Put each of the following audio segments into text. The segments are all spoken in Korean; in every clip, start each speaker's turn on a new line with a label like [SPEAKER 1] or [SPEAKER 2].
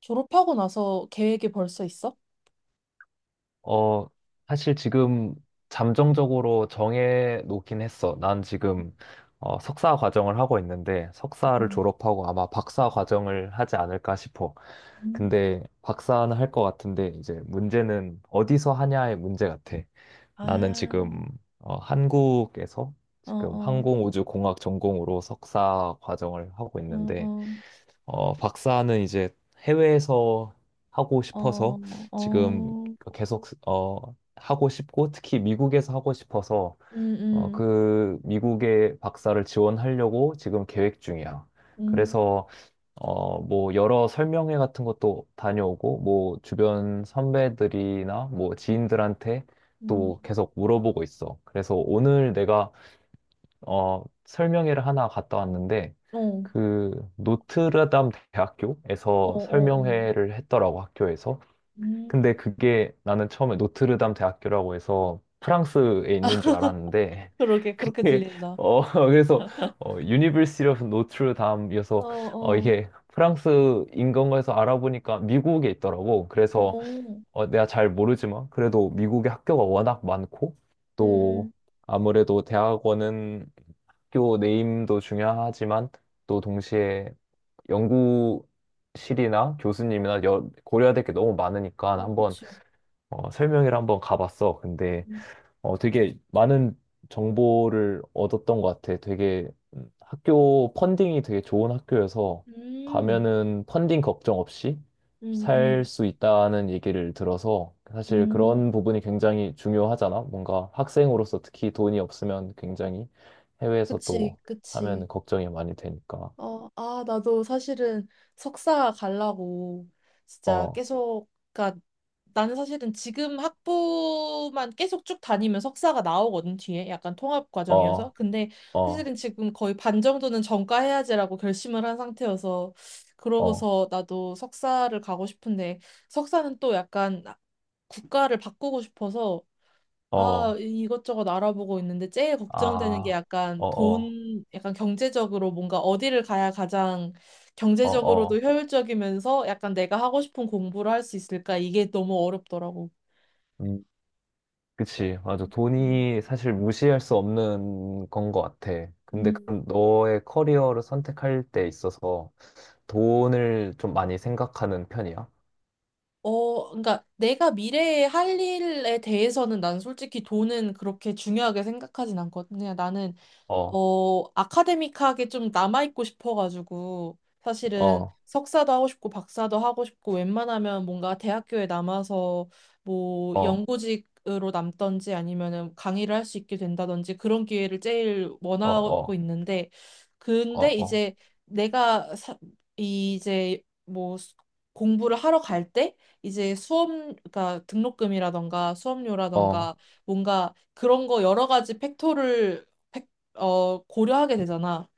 [SPEAKER 1] 졸업하고 나서 계획이 벌써 있어?
[SPEAKER 2] 어, 사실 지금 잠정적으로 정해 놓긴 했어. 난 지금 석사 과정을 하고 있는데 석사를
[SPEAKER 1] 음.
[SPEAKER 2] 졸업하고 아마 박사 과정을 하지 않을까 싶어.
[SPEAKER 1] 음.
[SPEAKER 2] 근데 박사는 할 것 같은데 이제 문제는 어디서 하냐의 문제 같아. 나는
[SPEAKER 1] 아,
[SPEAKER 2] 지금 한국에서
[SPEAKER 1] 어,
[SPEAKER 2] 지금
[SPEAKER 1] 어,
[SPEAKER 2] 항공우주공학 전공으로 석사 과정을 하고 있는데
[SPEAKER 1] 어,
[SPEAKER 2] 박사는 이제 해외에서 하고
[SPEAKER 1] 어,
[SPEAKER 2] 싶어서
[SPEAKER 1] 어,
[SPEAKER 2] 지금
[SPEAKER 1] 어,
[SPEAKER 2] 계속 하고 싶고 특히 미국에서 하고 싶어서
[SPEAKER 1] 음,
[SPEAKER 2] 그 미국의 박사를 지원하려고 지금 계획 중이야.
[SPEAKER 1] 음, 음,
[SPEAKER 2] 그래서 뭐 여러 설명회 같은 것도 다녀오고 뭐 주변 선배들이나 뭐 지인들한테
[SPEAKER 1] 음,
[SPEAKER 2] 또 계속 물어보고 있어. 그래서 오늘 내가 설명회를 하나 갔다 왔는데,
[SPEAKER 1] 어, 어,
[SPEAKER 2] 그, 노트르담
[SPEAKER 1] 어,
[SPEAKER 2] 대학교에서
[SPEAKER 1] 어,
[SPEAKER 2] 설명회를 했더라고, 학교에서.
[SPEAKER 1] 음.
[SPEAKER 2] 근데 그게 나는 처음에 노트르담 대학교라고 해서 프랑스에 있는 줄 알았는데,
[SPEAKER 1] 그러게, 그렇게
[SPEAKER 2] 그게,
[SPEAKER 1] 들린다.
[SPEAKER 2] 어, 그래서, University of Notre Dame이어서,
[SPEAKER 1] 어, 어,
[SPEAKER 2] 이게 프랑스인 건가 해서 알아보니까 미국에 있더라고. 그래서,
[SPEAKER 1] 어,
[SPEAKER 2] 내가 잘 모르지만, 그래도 미국에 학교가 워낙 많고,
[SPEAKER 1] 음,
[SPEAKER 2] 또,
[SPEAKER 1] 음,
[SPEAKER 2] 아무래도 대학원은 학교 네임도 중요하지만 또 동시에 연구실이나 교수님이나 고려해야 될 게 너무 많으니까
[SPEAKER 1] 어,
[SPEAKER 2] 한번
[SPEAKER 1] 그치.
[SPEAKER 2] 설명회를 한번 가봤어. 근데
[SPEAKER 1] 음,
[SPEAKER 2] 되게 많은 정보를 얻었던 것 같아. 되게 학교 펀딩이 되게 좋은 학교여서
[SPEAKER 1] 음,
[SPEAKER 2] 가면은 펀딩 걱정 없이 살
[SPEAKER 1] 음,
[SPEAKER 2] 수 있다는 얘기를 들어서 사실
[SPEAKER 1] 음,
[SPEAKER 2] 그런
[SPEAKER 1] 음.
[SPEAKER 2] 부분이 굉장히 중요하잖아. 뭔가 학생으로서 특히 돈이 없으면 굉장히 해외에서
[SPEAKER 1] 그치,
[SPEAKER 2] 또
[SPEAKER 1] 그치.
[SPEAKER 2] 하면 걱정이 많이 되니까.
[SPEAKER 1] 어, 아, 나도 사실은 석사 가려고 진짜
[SPEAKER 2] 어,
[SPEAKER 1] 계속, 그니까 나는 사실은 지금 학부만 계속 쭉 다니면 석사가 나오거든, 뒤에. 약간 통합 과정이어서.
[SPEAKER 2] 어,
[SPEAKER 1] 근데
[SPEAKER 2] 어,
[SPEAKER 1] 사실은 지금 거의 반 정도는 전과해야지라고 결심을 한 상태여서
[SPEAKER 2] 어,
[SPEAKER 1] 그러고서 나도 석사를 가고 싶은데 석사는 또 약간 국가를 바꾸고 싶어서 아,
[SPEAKER 2] 어,
[SPEAKER 1] 것저것 알아보고 있는데 제일 걱정되는 게
[SPEAKER 2] 아,
[SPEAKER 1] 약간
[SPEAKER 2] 어, 어,
[SPEAKER 1] 돈, 약간 경제적으로 뭔가 어디를 가야 가장
[SPEAKER 2] 어,
[SPEAKER 1] 경제적으로도
[SPEAKER 2] 어.
[SPEAKER 1] 효율적이면서 약간 내가 하고 싶은 공부를 할 수 있을까? 이게 너무 어렵더라고.
[SPEAKER 2] 음. 그치, 맞아.
[SPEAKER 1] 음.
[SPEAKER 2] 돈이 사실 무시할 수 없는 건 것 같아. 근데
[SPEAKER 1] 음.
[SPEAKER 2] 그럼 너의 커리어를 선택할 때 있어서 돈을 좀 많이 생각하는 편이야?
[SPEAKER 1] 어, 그러니까 내가 미래에 할 일에 대해서는 난 솔직히 돈은 그렇게 중요하게 생각하진 않거든. 그냥 나는
[SPEAKER 2] 어,
[SPEAKER 1] 어, 아카데믹하게 좀 남아있고 싶어가지고, 사실은
[SPEAKER 2] 어,
[SPEAKER 1] 석사도 하고 싶고, 박사도 하고 싶고, 웬만하면 뭔가 대학교에 남아서 뭐
[SPEAKER 2] 어,
[SPEAKER 1] 연구직으로 남던지 아니면은 강의를 할 수 있게 된다든지 그런 기회를 제일
[SPEAKER 2] 어,
[SPEAKER 1] 원하고
[SPEAKER 2] 어,
[SPEAKER 1] 있는데, 근데
[SPEAKER 2] 어,
[SPEAKER 1] 이제 내가 사, 이제 공부를 하러 갈 때, 이제 수업, 그러니까 등록금이라던가
[SPEAKER 2] 어,
[SPEAKER 1] 수업료라던가
[SPEAKER 2] 어,
[SPEAKER 1] 뭔가 그런 거 여러 가지 팩토를 어, 고려하게 되잖아.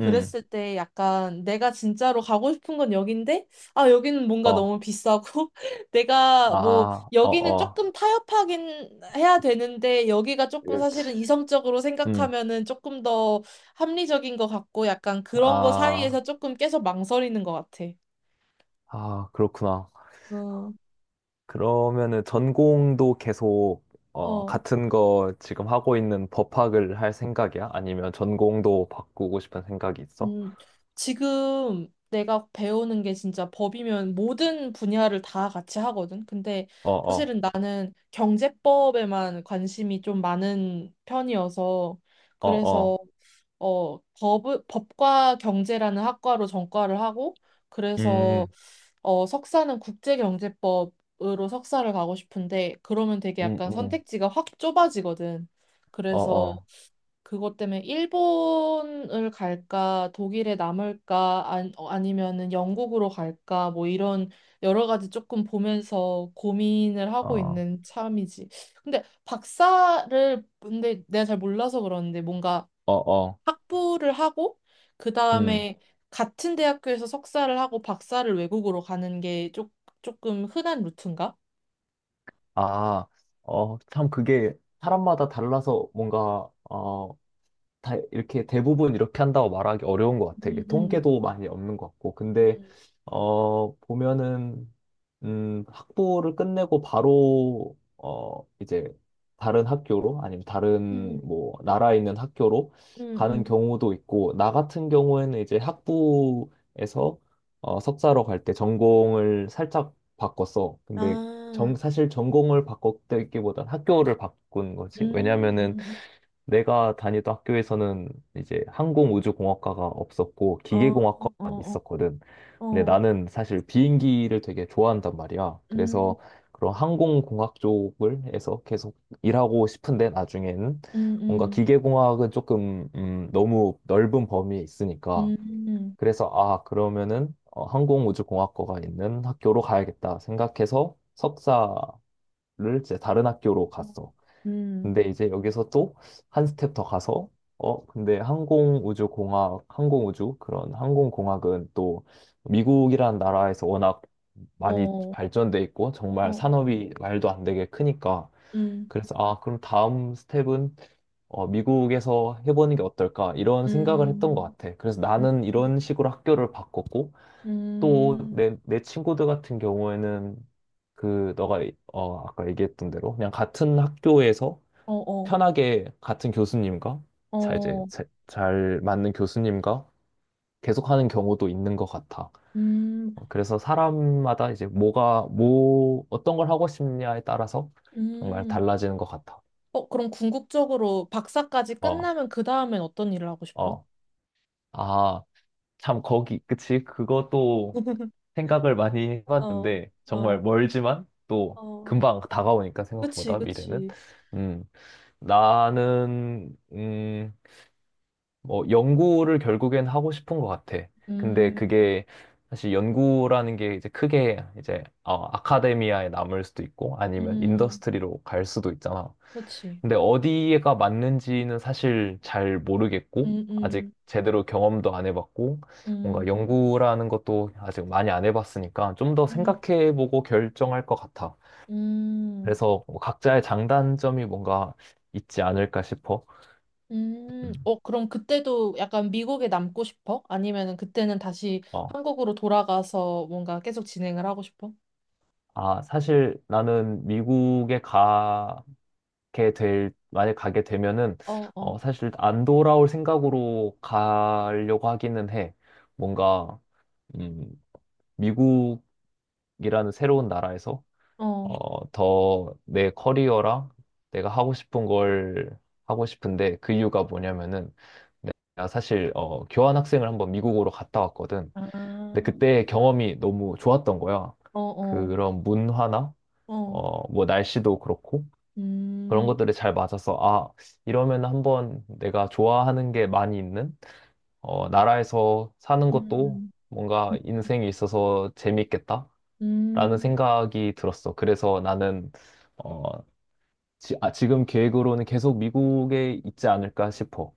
[SPEAKER 2] 음,
[SPEAKER 1] 때 약간 내가 진짜로 가고 싶은 건 여긴데, 아, 여기는 뭔가
[SPEAKER 2] 어,
[SPEAKER 1] 너무 비싸고, 내가 뭐,
[SPEAKER 2] 아, 어,
[SPEAKER 1] 여기는
[SPEAKER 2] 어,
[SPEAKER 1] 조금 타협하긴 해야 되는데, 여기가 조금
[SPEAKER 2] 그치.
[SPEAKER 1] 사실은 이성적으로
[SPEAKER 2] 음,
[SPEAKER 1] 생각하면은 조금 더 합리적인 것 같고, 약간 그런 거
[SPEAKER 2] 아,
[SPEAKER 1] 사이에서 조금 계속 망설이는 것 같아.
[SPEAKER 2] 아, 그렇구나.
[SPEAKER 1] 어,
[SPEAKER 2] 그러면은 전공도 계속
[SPEAKER 1] 어.
[SPEAKER 2] 같은 거 지금 하고 있는 법학을 할 생각이야? 아니면 전공도 바꾸고 싶은 생각이 있어?
[SPEAKER 1] 음, 지금 내가 배우는 게 진짜 법이면 모든 분야를 다 같이 하거든. 근데
[SPEAKER 2] 어, 어,
[SPEAKER 1] 사실은 나는 경제법에만 관심이 좀 많은 편이어서
[SPEAKER 2] 어,
[SPEAKER 1] 그래서
[SPEAKER 2] 어,
[SPEAKER 1] 어, 법, 법과 경제라는 학과로 전과를 하고 그래서
[SPEAKER 2] 음,
[SPEAKER 1] 어, 석사는 국제경제법으로 석사를 가고 싶은데 그러면 되게
[SPEAKER 2] 음,
[SPEAKER 1] 약간
[SPEAKER 2] 음,
[SPEAKER 1] 선택지가 확 좁아지거든.
[SPEAKER 2] 어,
[SPEAKER 1] 그래서
[SPEAKER 2] 어,
[SPEAKER 1] 그것 때문에 일본을 갈까, 독일에 남을까, 어, 아니면은 영국으로 갈까, 뭐 이런 여러 가지 조금 보면서 고민을 하고
[SPEAKER 2] 어,
[SPEAKER 1] 있는 참이지. 근데 박사를, 근데 내가 잘 몰라서 그러는데 뭔가
[SPEAKER 2] 어, 어,
[SPEAKER 1] 학부를 하고, 그
[SPEAKER 2] 음,
[SPEAKER 1] 다음에 같은 대학교에서 석사를 하고 박사를 외국으로 가는 게 조금 흔한 루트인가?
[SPEAKER 2] 아, 참 그게 사람마다 달라서 뭔가, 다 이렇게 대부분 이렇게 한다고 말하기 어려운 것 같아.
[SPEAKER 1] 음,
[SPEAKER 2] 이게
[SPEAKER 1] 음,
[SPEAKER 2] 통계도 많이 없는 것 같고. 근데,
[SPEAKER 1] 음,
[SPEAKER 2] 보면은, 학부를 끝내고 바로, 이제 다른 학교로, 아니면 다른
[SPEAKER 1] 음,
[SPEAKER 2] 뭐, 나라에 있는 학교로
[SPEAKER 1] 음,
[SPEAKER 2] 가는
[SPEAKER 1] 음.
[SPEAKER 2] 경우도 있고, 나 같은 경우에는 이제 학부에서 석사로 갈 때 전공을 살짝 바꿨어. 근데
[SPEAKER 1] 아,
[SPEAKER 2] 사실 전공을 바꿨다기보단 학교를 바꾼 거지.
[SPEAKER 1] 음,
[SPEAKER 2] 왜냐면은
[SPEAKER 1] 음,
[SPEAKER 2] 내가 다니던 학교에서는 이제 항공우주공학과가 없었고
[SPEAKER 1] 어, 어,
[SPEAKER 2] 기계공학과만
[SPEAKER 1] 어,
[SPEAKER 2] 있었거든. 근데
[SPEAKER 1] 어,
[SPEAKER 2] 나는 사실 비행기를 되게 좋아한단 말이야.
[SPEAKER 1] 음,
[SPEAKER 2] 그래서 그런 항공공학 쪽을 해서 계속 일하고 싶은데 나중에는 뭔가
[SPEAKER 1] 음,
[SPEAKER 2] 기계공학은 조금 너무 넓은 범위에 있으니까
[SPEAKER 1] 음, 음,
[SPEAKER 2] 그래서 아 그러면은 항공우주공학과가 있는 학교로 가야겠다 생각해서 석사를 이제 다른 학교로
[SPEAKER 1] 어,
[SPEAKER 2] 갔어.
[SPEAKER 1] 음,
[SPEAKER 2] 근데 이제 여기서 또 한 스텝 더 가서 근데 항공우주공학 항공우주 그런 항공공학은 또 미국이라는 나라에서 워낙 많이
[SPEAKER 1] 어, 어,
[SPEAKER 2] 발전돼 있고 정말
[SPEAKER 1] 어,
[SPEAKER 2] 산업이 말도 안 되게 크니까
[SPEAKER 1] 음,
[SPEAKER 2] 그래서 아 그럼 다음 스텝은 미국에서 해보는 게 어떨까 이런 생각을 했던 것
[SPEAKER 1] 음,
[SPEAKER 2] 같아. 그래서
[SPEAKER 1] 음,
[SPEAKER 2] 나는 이런 식으로 학교를 바꿨고 또
[SPEAKER 1] 음,
[SPEAKER 2] 내 친구들 같은 경우에는 그 너가 아까 얘기했던 대로 그냥 같은 학교에서
[SPEAKER 1] 어, 어,
[SPEAKER 2] 편하게 같은 교수님과 잘 이제
[SPEAKER 1] 어,
[SPEAKER 2] 잘 맞는 교수님과 계속하는 경우도 있는 것 같아.
[SPEAKER 1] 음,
[SPEAKER 2] 그래서 사람마다 이제 뭐가 뭐 어떤 걸 하고 싶냐에 따라서 정말
[SPEAKER 1] 음.
[SPEAKER 2] 달라지는 것 같아.
[SPEAKER 1] 어, 그럼 궁극적으로 박사까지
[SPEAKER 2] 어,
[SPEAKER 1] 끝나면 그 다음엔 어떤 일을 하고 싶어?
[SPEAKER 2] 어, 아, 참 거기 그치? 그것도 생각을 많이
[SPEAKER 1] 어,
[SPEAKER 2] 해봤는데
[SPEAKER 1] 어,
[SPEAKER 2] 정말 멀지만 또
[SPEAKER 1] 어.
[SPEAKER 2] 금방 다가오니까
[SPEAKER 1] 그치,
[SPEAKER 2] 생각보다 미래는
[SPEAKER 1] 그치.
[SPEAKER 2] 음 나는 뭐 연구를 결국엔 하고 싶은 것 같아. 근데
[SPEAKER 1] 음,
[SPEAKER 2] 그게 사실 연구라는 게 이제 크게 이제 아카데미아에 남을 수도 있고 아니면
[SPEAKER 1] 음,
[SPEAKER 2] 인더스트리로 갈 수도 있잖아.
[SPEAKER 1] 그치.
[SPEAKER 2] 근데 어디가 맞는지는 사실 잘 모르겠고
[SPEAKER 1] 음,
[SPEAKER 2] 아직
[SPEAKER 1] 음,
[SPEAKER 2] 제대로 경험도 안 해봤고 뭔가
[SPEAKER 1] 음,
[SPEAKER 2] 연구라는 것도 아직 많이 안 해봤으니까 좀 더
[SPEAKER 1] 음,
[SPEAKER 2] 생각해보고 결정할 것 같아.
[SPEAKER 1] 음.
[SPEAKER 2] 그래서 뭐 각자의 장단점이 뭔가 있지 않을까 싶어. 음.
[SPEAKER 1] 어, 그럼 그때도 약간 미국에 남고 싶어? 아니면은 그때는 다시
[SPEAKER 2] 어.
[SPEAKER 1] 한국으로 돌아가서 뭔가 계속 진행을 하고 싶어?
[SPEAKER 2] 아, 사실 나는 미국에 만약 가게 되면은,
[SPEAKER 1] 어, 어,
[SPEAKER 2] 사실 안 돌아올 생각으로 가려고 하기는 해. 뭔가, 음, 미국이라는 새로운 나라에서,
[SPEAKER 1] 어,
[SPEAKER 2] 더 내 커리어랑 내가 하고 싶은 걸 하고 싶은데 그 이유가 뭐냐면은, 내가 사실, 교환학생을 한번 미국으로 갔다 왔거든. 근데
[SPEAKER 1] 아,
[SPEAKER 2] 그때 경험이 너무 좋았던 거야.
[SPEAKER 1] 어, 어,
[SPEAKER 2] 그런 문화나,
[SPEAKER 1] 어,
[SPEAKER 2] 뭐 날씨도 그렇고 그런
[SPEAKER 1] 음,
[SPEAKER 2] 것들이 잘 맞아서 아, 이러면 한번 내가 좋아하는 게 많이 있는 나라에서 사는 것도
[SPEAKER 1] 음,
[SPEAKER 2] 뭔가 인생에 있어서 재밌겠다라는
[SPEAKER 1] 음,
[SPEAKER 2] 생각이 들었어. 그래서 나는 어, 지금 계획으로는 계속 미국에 있지 않을까 싶어.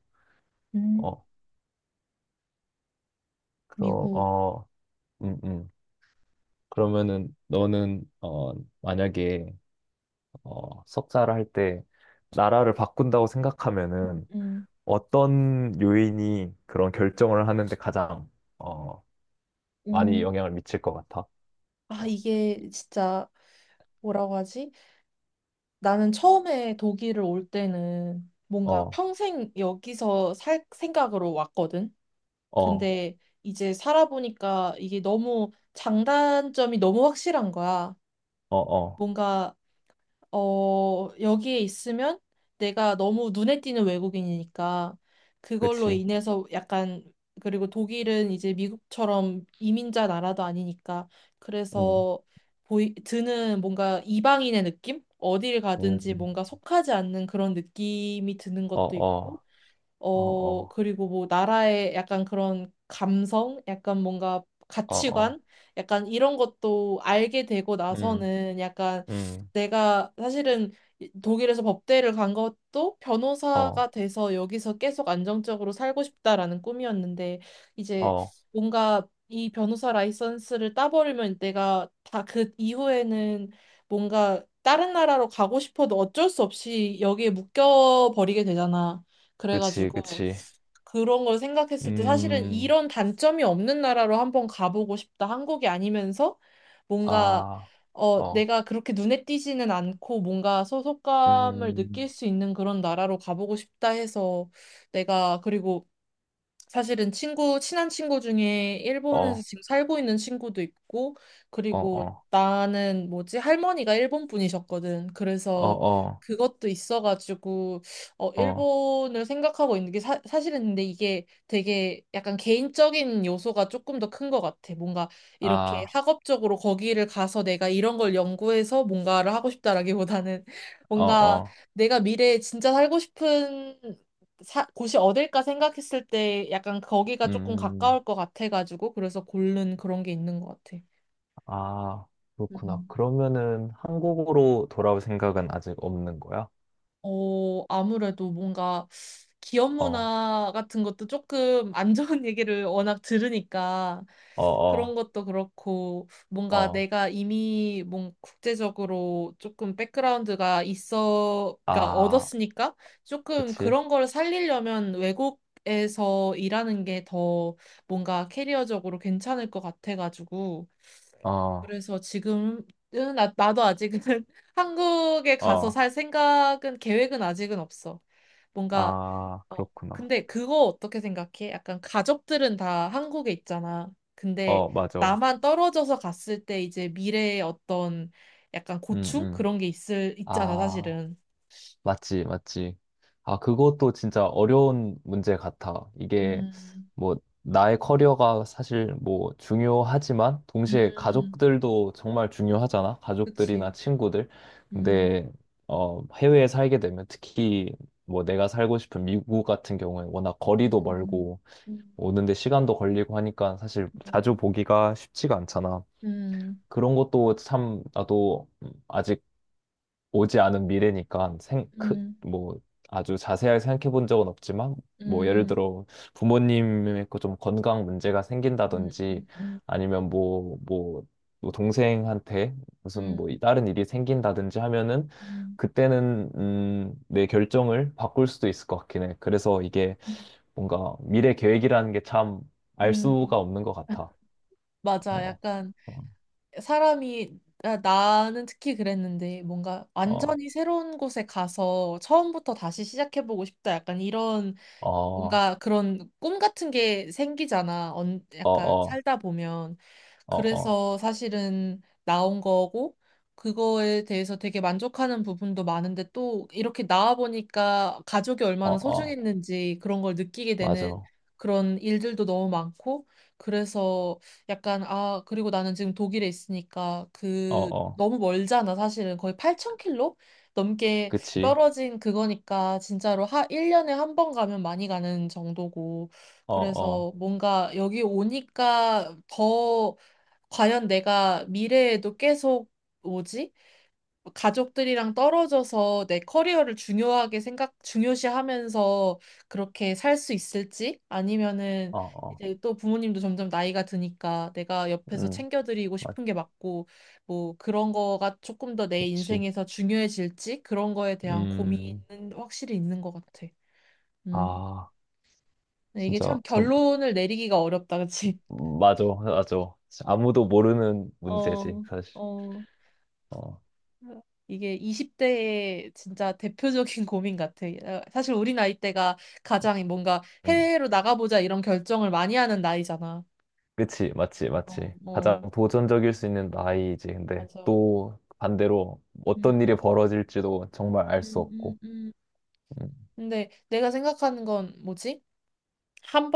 [SPEAKER 1] 음,
[SPEAKER 2] 어, 그럼
[SPEAKER 1] 미국,
[SPEAKER 2] 음, 음. 그러면은 너는 만약에 석사를 할 때 나라를 바꾼다고
[SPEAKER 1] 음,
[SPEAKER 2] 생각하면은
[SPEAKER 1] 음,
[SPEAKER 2] 어떤 요인이 그런 결정을 하는데 가장 어, 많이
[SPEAKER 1] 음.
[SPEAKER 2] 영향을 미칠 것 같아?
[SPEAKER 1] 아, 이게 진짜 뭐라고 하지? 나는 처음에 독일을 올 때는 뭔가
[SPEAKER 2] 어,
[SPEAKER 1] 평생 여기서 살 생각으로 왔거든.
[SPEAKER 2] 어,
[SPEAKER 1] 근데 이제 살아보니까 이게 너무 장단점이 너무 확실한 거야.
[SPEAKER 2] 어, 어,
[SPEAKER 1] 뭔가, 어, 여기에 있으면 내가 너무 눈에 띄는 외국인이니까 그걸로
[SPEAKER 2] 그치.
[SPEAKER 1] 인해서 약간, 그리고 독일은 이제 미국처럼 이민자 나라도 아니니까
[SPEAKER 2] 음,
[SPEAKER 1] 그래서 드는 뭔가 이방인의 느낌? 어디를 가든지
[SPEAKER 2] 음,
[SPEAKER 1] 뭔가 속하지 않는 그런 느낌이 드는
[SPEAKER 2] 어,
[SPEAKER 1] 것도 있고
[SPEAKER 2] 어, 어,
[SPEAKER 1] 어,
[SPEAKER 2] 어,
[SPEAKER 1] 그리고 뭐 나라의 약간 그런 감성, 약간 뭔가
[SPEAKER 2] 어, 어,
[SPEAKER 1] 가치관, 약간 이런 것도 알게 되고
[SPEAKER 2] 음,
[SPEAKER 1] 나서는 약간
[SPEAKER 2] 음,
[SPEAKER 1] 내가 사실은 독일에서 법대를 간 것도 변호사가
[SPEAKER 2] 어,
[SPEAKER 1] 돼서 여기서 계속 안정적으로 살고 싶다라는 꿈이었는데 이제
[SPEAKER 2] 어,
[SPEAKER 1] 뭔가 이 변호사 라이선스를 따버리면 내가 다 그 이후에는 뭔가 다른 나라로 가고 싶어도 어쩔 수 없이 여기에 묶여 버리게 되잖아.
[SPEAKER 2] 그치,
[SPEAKER 1] 그래가지고
[SPEAKER 2] 그치.
[SPEAKER 1] 그런 걸 생각했을 때 사실은
[SPEAKER 2] 음,
[SPEAKER 1] 이런 단점이 없는 나라로 한번 가보고 싶다. 한국이 아니면서 뭔가
[SPEAKER 2] 아,
[SPEAKER 1] 어
[SPEAKER 2] 어,
[SPEAKER 1] 내가 그렇게 눈에 띄지는 않고 뭔가 소속감을 느낄
[SPEAKER 2] 음,
[SPEAKER 1] 수 있는 그런 나라로 가보고 싶다 해서 내가 그리고 사실은 친구, 친한 친구 중에
[SPEAKER 2] 어,
[SPEAKER 1] 일본에서
[SPEAKER 2] 어,
[SPEAKER 1] 지금 살고 있는 친구도 있고, 그리고
[SPEAKER 2] 어,
[SPEAKER 1] 나는 뭐지, 할머니가 일본 분이셨거든.
[SPEAKER 2] 어,
[SPEAKER 1] 그래서
[SPEAKER 2] 어,
[SPEAKER 1] 그것도 있어가지고, 어,
[SPEAKER 2] 어,
[SPEAKER 1] 일본을 생각하고 있는 게 사실은 근데 이게 되게 약간 개인적인 요소가 조금 더 큰 것 같아. 뭔가 이렇게
[SPEAKER 2] 아,
[SPEAKER 1] 학업적으로 거기를 가서 내가 이런 걸 연구해서 뭔가를 하고 싶다라기보다는
[SPEAKER 2] 어,
[SPEAKER 1] 뭔가
[SPEAKER 2] 어,
[SPEAKER 1] 내가 미래에 진짜 살고 싶은 곳이 어딜까 생각했을 때 약간 거기가 조금
[SPEAKER 2] 음.
[SPEAKER 1] 가까울 것 같아가지고 그래서 고른 그런 게 있는 것 같아.
[SPEAKER 2] 아, 그렇구나.
[SPEAKER 1] 음.
[SPEAKER 2] 그러면은 한국으로 돌아올 생각은 아직 없는 거야?
[SPEAKER 1] 어, 아무래도 뭔가 기업
[SPEAKER 2] 어,
[SPEAKER 1] 문화 같은 것도 조금 안 좋은 얘기를 워낙 들으니까
[SPEAKER 2] 어,
[SPEAKER 1] 그런
[SPEAKER 2] 어,
[SPEAKER 1] 것도 그렇고 뭔가
[SPEAKER 2] 어.
[SPEAKER 1] 내가 이미 뭔 국제적으로 조금 백그라운드가 있어, 그러니까
[SPEAKER 2] 아,
[SPEAKER 1] 얻었으니까 조금
[SPEAKER 2] 그치?
[SPEAKER 1] 그런 걸 살리려면 외국에서 일하는 게 더 뭔가 캐리어적으로 괜찮을 것 같아가지고
[SPEAKER 2] 어,
[SPEAKER 1] 그래서 지금은 나도 아직은 한국에 가서
[SPEAKER 2] 어.
[SPEAKER 1] 살 생각은 계획은 아직은 없어. 뭔가
[SPEAKER 2] 아,
[SPEAKER 1] 어
[SPEAKER 2] 그렇구나.
[SPEAKER 1] 근데 그거 어떻게 생각해? 약간 가족들은 다 한국에 있잖아. 근데
[SPEAKER 2] 어, 맞아.
[SPEAKER 1] 나만 떨어져서 갔을 때 이제 미래의 어떤 약간
[SPEAKER 2] 음,
[SPEAKER 1] 고충
[SPEAKER 2] 음.
[SPEAKER 1] 그런 게 있을 있잖아,
[SPEAKER 2] 아.
[SPEAKER 1] 사실은.
[SPEAKER 2] 맞지, 맞지. 아, 그것도 진짜 어려운 문제 같아. 이게
[SPEAKER 1] 음.
[SPEAKER 2] 뭐 나의 커리어가 사실 뭐 중요하지만 동시에
[SPEAKER 1] 음.
[SPEAKER 2] 가족들도 정말 중요하잖아. 가족들이나
[SPEAKER 1] 그치.
[SPEAKER 2] 친구들.
[SPEAKER 1] 음.
[SPEAKER 2] 근데 해외에 살게 되면 특히 뭐 내가 살고 싶은 미국 같은 경우에 워낙 거리도
[SPEAKER 1] 음.
[SPEAKER 2] 멀고
[SPEAKER 1] 음.
[SPEAKER 2] 오는데 시간도 걸리고 하니까 사실 자주
[SPEAKER 1] 음.
[SPEAKER 2] 보기가 쉽지가 않잖아.
[SPEAKER 1] 음.
[SPEAKER 2] 그런 것도 참 나도 아직 오지 않은 미래니까
[SPEAKER 1] 음.
[SPEAKER 2] 뭐 아주 자세하게 생각해 본 적은 없지만 뭐 예를
[SPEAKER 1] 음. 음.
[SPEAKER 2] 들어 부모님의 그좀 건강 문제가
[SPEAKER 1] 음.
[SPEAKER 2] 생긴다든지
[SPEAKER 1] 음. 음.
[SPEAKER 2] 아니면 뭐, 뭐, 뭐 동생한테 무슨
[SPEAKER 1] 음.
[SPEAKER 2] 뭐 다른 일이 생긴다든지 하면은
[SPEAKER 1] 음,
[SPEAKER 2] 그때는 내 결정을 바꿀 수도 있을 것 같긴 해. 그래서 이게 뭔가 미래 계획이라는 게 참 알
[SPEAKER 1] 음,
[SPEAKER 2] 수가 없는 것 같아.
[SPEAKER 1] 맞아.
[SPEAKER 2] 어,
[SPEAKER 1] 약간
[SPEAKER 2] 어,
[SPEAKER 1] 사람이 나는 특히 그랬는데 뭔가
[SPEAKER 2] 어,
[SPEAKER 1] 완전히 새로운 곳에 가서 처음부터 다시 시작해보고 싶다. 약간 이런
[SPEAKER 2] 어,
[SPEAKER 1] 뭔가 그런 꿈 같은 게 생기잖아. 언,
[SPEAKER 2] 어,
[SPEAKER 1] 약간
[SPEAKER 2] 어, 어,
[SPEAKER 1] 살다 보면.
[SPEAKER 2] 어,
[SPEAKER 1] 그래서 사실은 나온 거고, 그거에 대해서 되게 만족하는 부분도 많은데 또 이렇게 나와 보니까 가족이
[SPEAKER 2] 어,
[SPEAKER 1] 얼마나
[SPEAKER 2] 어,
[SPEAKER 1] 소중했는지 그런 걸 느끼게 되는
[SPEAKER 2] 맞아.
[SPEAKER 1] 그런 일들도 너무 많고, 그래서 약간, 아, 그리고 나는 지금 독일에 있으니까
[SPEAKER 2] 어,
[SPEAKER 1] 그
[SPEAKER 2] 어,
[SPEAKER 1] 너무 멀잖아, 사실은. 거의 8천 킬로 넘게
[SPEAKER 2] 그치.
[SPEAKER 1] 떨어진 그거니까 진짜로 하 1년에 한 번 가면 많이 가는 정도고
[SPEAKER 2] 어, 어,
[SPEAKER 1] 그래서 뭔가 여기 오니까 더 과연 내가 미래에도 계속 뭐지? 가족들이랑 떨어져서 내 커리어를 중요하게 중요시하면서 그렇게 살 수 있을지? 아니면은
[SPEAKER 2] 어, 어,
[SPEAKER 1] 이제 또 부모님도 점점 나이가 드니까 내가 옆에서
[SPEAKER 2] 음,
[SPEAKER 1] 챙겨드리고
[SPEAKER 2] 맞,
[SPEAKER 1] 싶은 게 맞고, 뭐 그런 거가 조금 더 내
[SPEAKER 2] 그치.
[SPEAKER 1] 인생에서 중요해질지? 그런 거에 대한
[SPEAKER 2] 음,
[SPEAKER 1] 고민은 확실히 있는 것 같아. 음.
[SPEAKER 2] 아,
[SPEAKER 1] 근데 이게
[SPEAKER 2] 진짜
[SPEAKER 1] 참
[SPEAKER 2] 참,
[SPEAKER 1] 결론을 내리기가 어렵다, 그치?
[SPEAKER 2] 맞아, 맞아. 아무도 모르는 문제지,
[SPEAKER 1] 어,
[SPEAKER 2] 사실.
[SPEAKER 1] 어.
[SPEAKER 2] 어,
[SPEAKER 1] 이게 20대의 진짜 대표적인 고민 같아. 어, 사실 우리 나이 때가 가장 뭔가
[SPEAKER 2] 음,
[SPEAKER 1] 해외로 나가보자 이런 결정을 많이 하는 나이잖아.
[SPEAKER 2] 그치, 맞지,
[SPEAKER 1] 어,
[SPEAKER 2] 맞지.
[SPEAKER 1] 어,
[SPEAKER 2] 가장 도전적일 수 있는 나이지. 근데
[SPEAKER 1] 맞아.
[SPEAKER 2] 또 반대로 어떤
[SPEAKER 1] 음,
[SPEAKER 2] 일이 벌어질지도 정말
[SPEAKER 1] 음,
[SPEAKER 2] 알 수
[SPEAKER 1] 음,
[SPEAKER 2] 없고.
[SPEAKER 1] 음.
[SPEAKER 2] 음,
[SPEAKER 1] 근데 내가 생각하는 건 뭐지?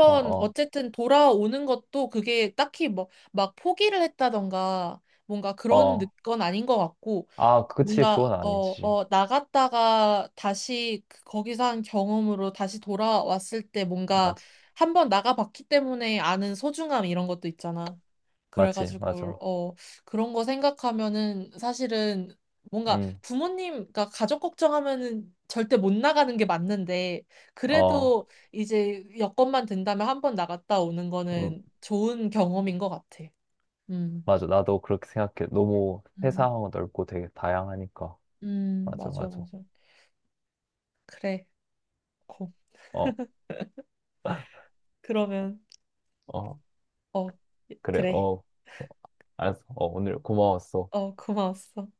[SPEAKER 2] 어, 어,
[SPEAKER 1] 어쨌든 돌아오는 것도 그게 딱히 뭐 막 포기를 했다던가 뭔가 그런
[SPEAKER 2] 어.
[SPEAKER 1] 건 아닌 것 같고
[SPEAKER 2] 아, 그치,
[SPEAKER 1] 뭔가
[SPEAKER 2] 그건
[SPEAKER 1] 어,
[SPEAKER 2] 아니지.
[SPEAKER 1] 어, 나갔다가 다시 거기서 한 경험으로 다시 돌아왔을 때 뭔가
[SPEAKER 2] 맞,
[SPEAKER 1] 한 번 나가봤기 때문에 아는 소중함 이런 것도 있잖아.
[SPEAKER 2] 맞지,
[SPEAKER 1] 그래가지고
[SPEAKER 2] 맞아.
[SPEAKER 1] 어, 그런 거 생각하면은 사실은 뭔가
[SPEAKER 2] 음,
[SPEAKER 1] 부모님, 그 가족 걱정하면은 절대 못 나가는 게 맞는데
[SPEAKER 2] 어.
[SPEAKER 1] 그래도 이제 여건만 된다면 한 번 나갔다 오는
[SPEAKER 2] 음,
[SPEAKER 1] 거는 좋은 경험인 것 같아. 음,
[SPEAKER 2] 맞아. 나도 그렇게 생각해. 너무
[SPEAKER 1] 음,
[SPEAKER 2] 세상 넓고 되게 다양하니까. 맞아,
[SPEAKER 1] 맞아,
[SPEAKER 2] 맞아.
[SPEAKER 1] 맞아. 그래. 고.
[SPEAKER 2] 어,
[SPEAKER 1] 그러면.
[SPEAKER 2] 어,
[SPEAKER 1] 어,
[SPEAKER 2] 그래.
[SPEAKER 1] 그래.
[SPEAKER 2] 어, 어, 알았어. 오늘 고마웠어.
[SPEAKER 1] 어, 고마웠어.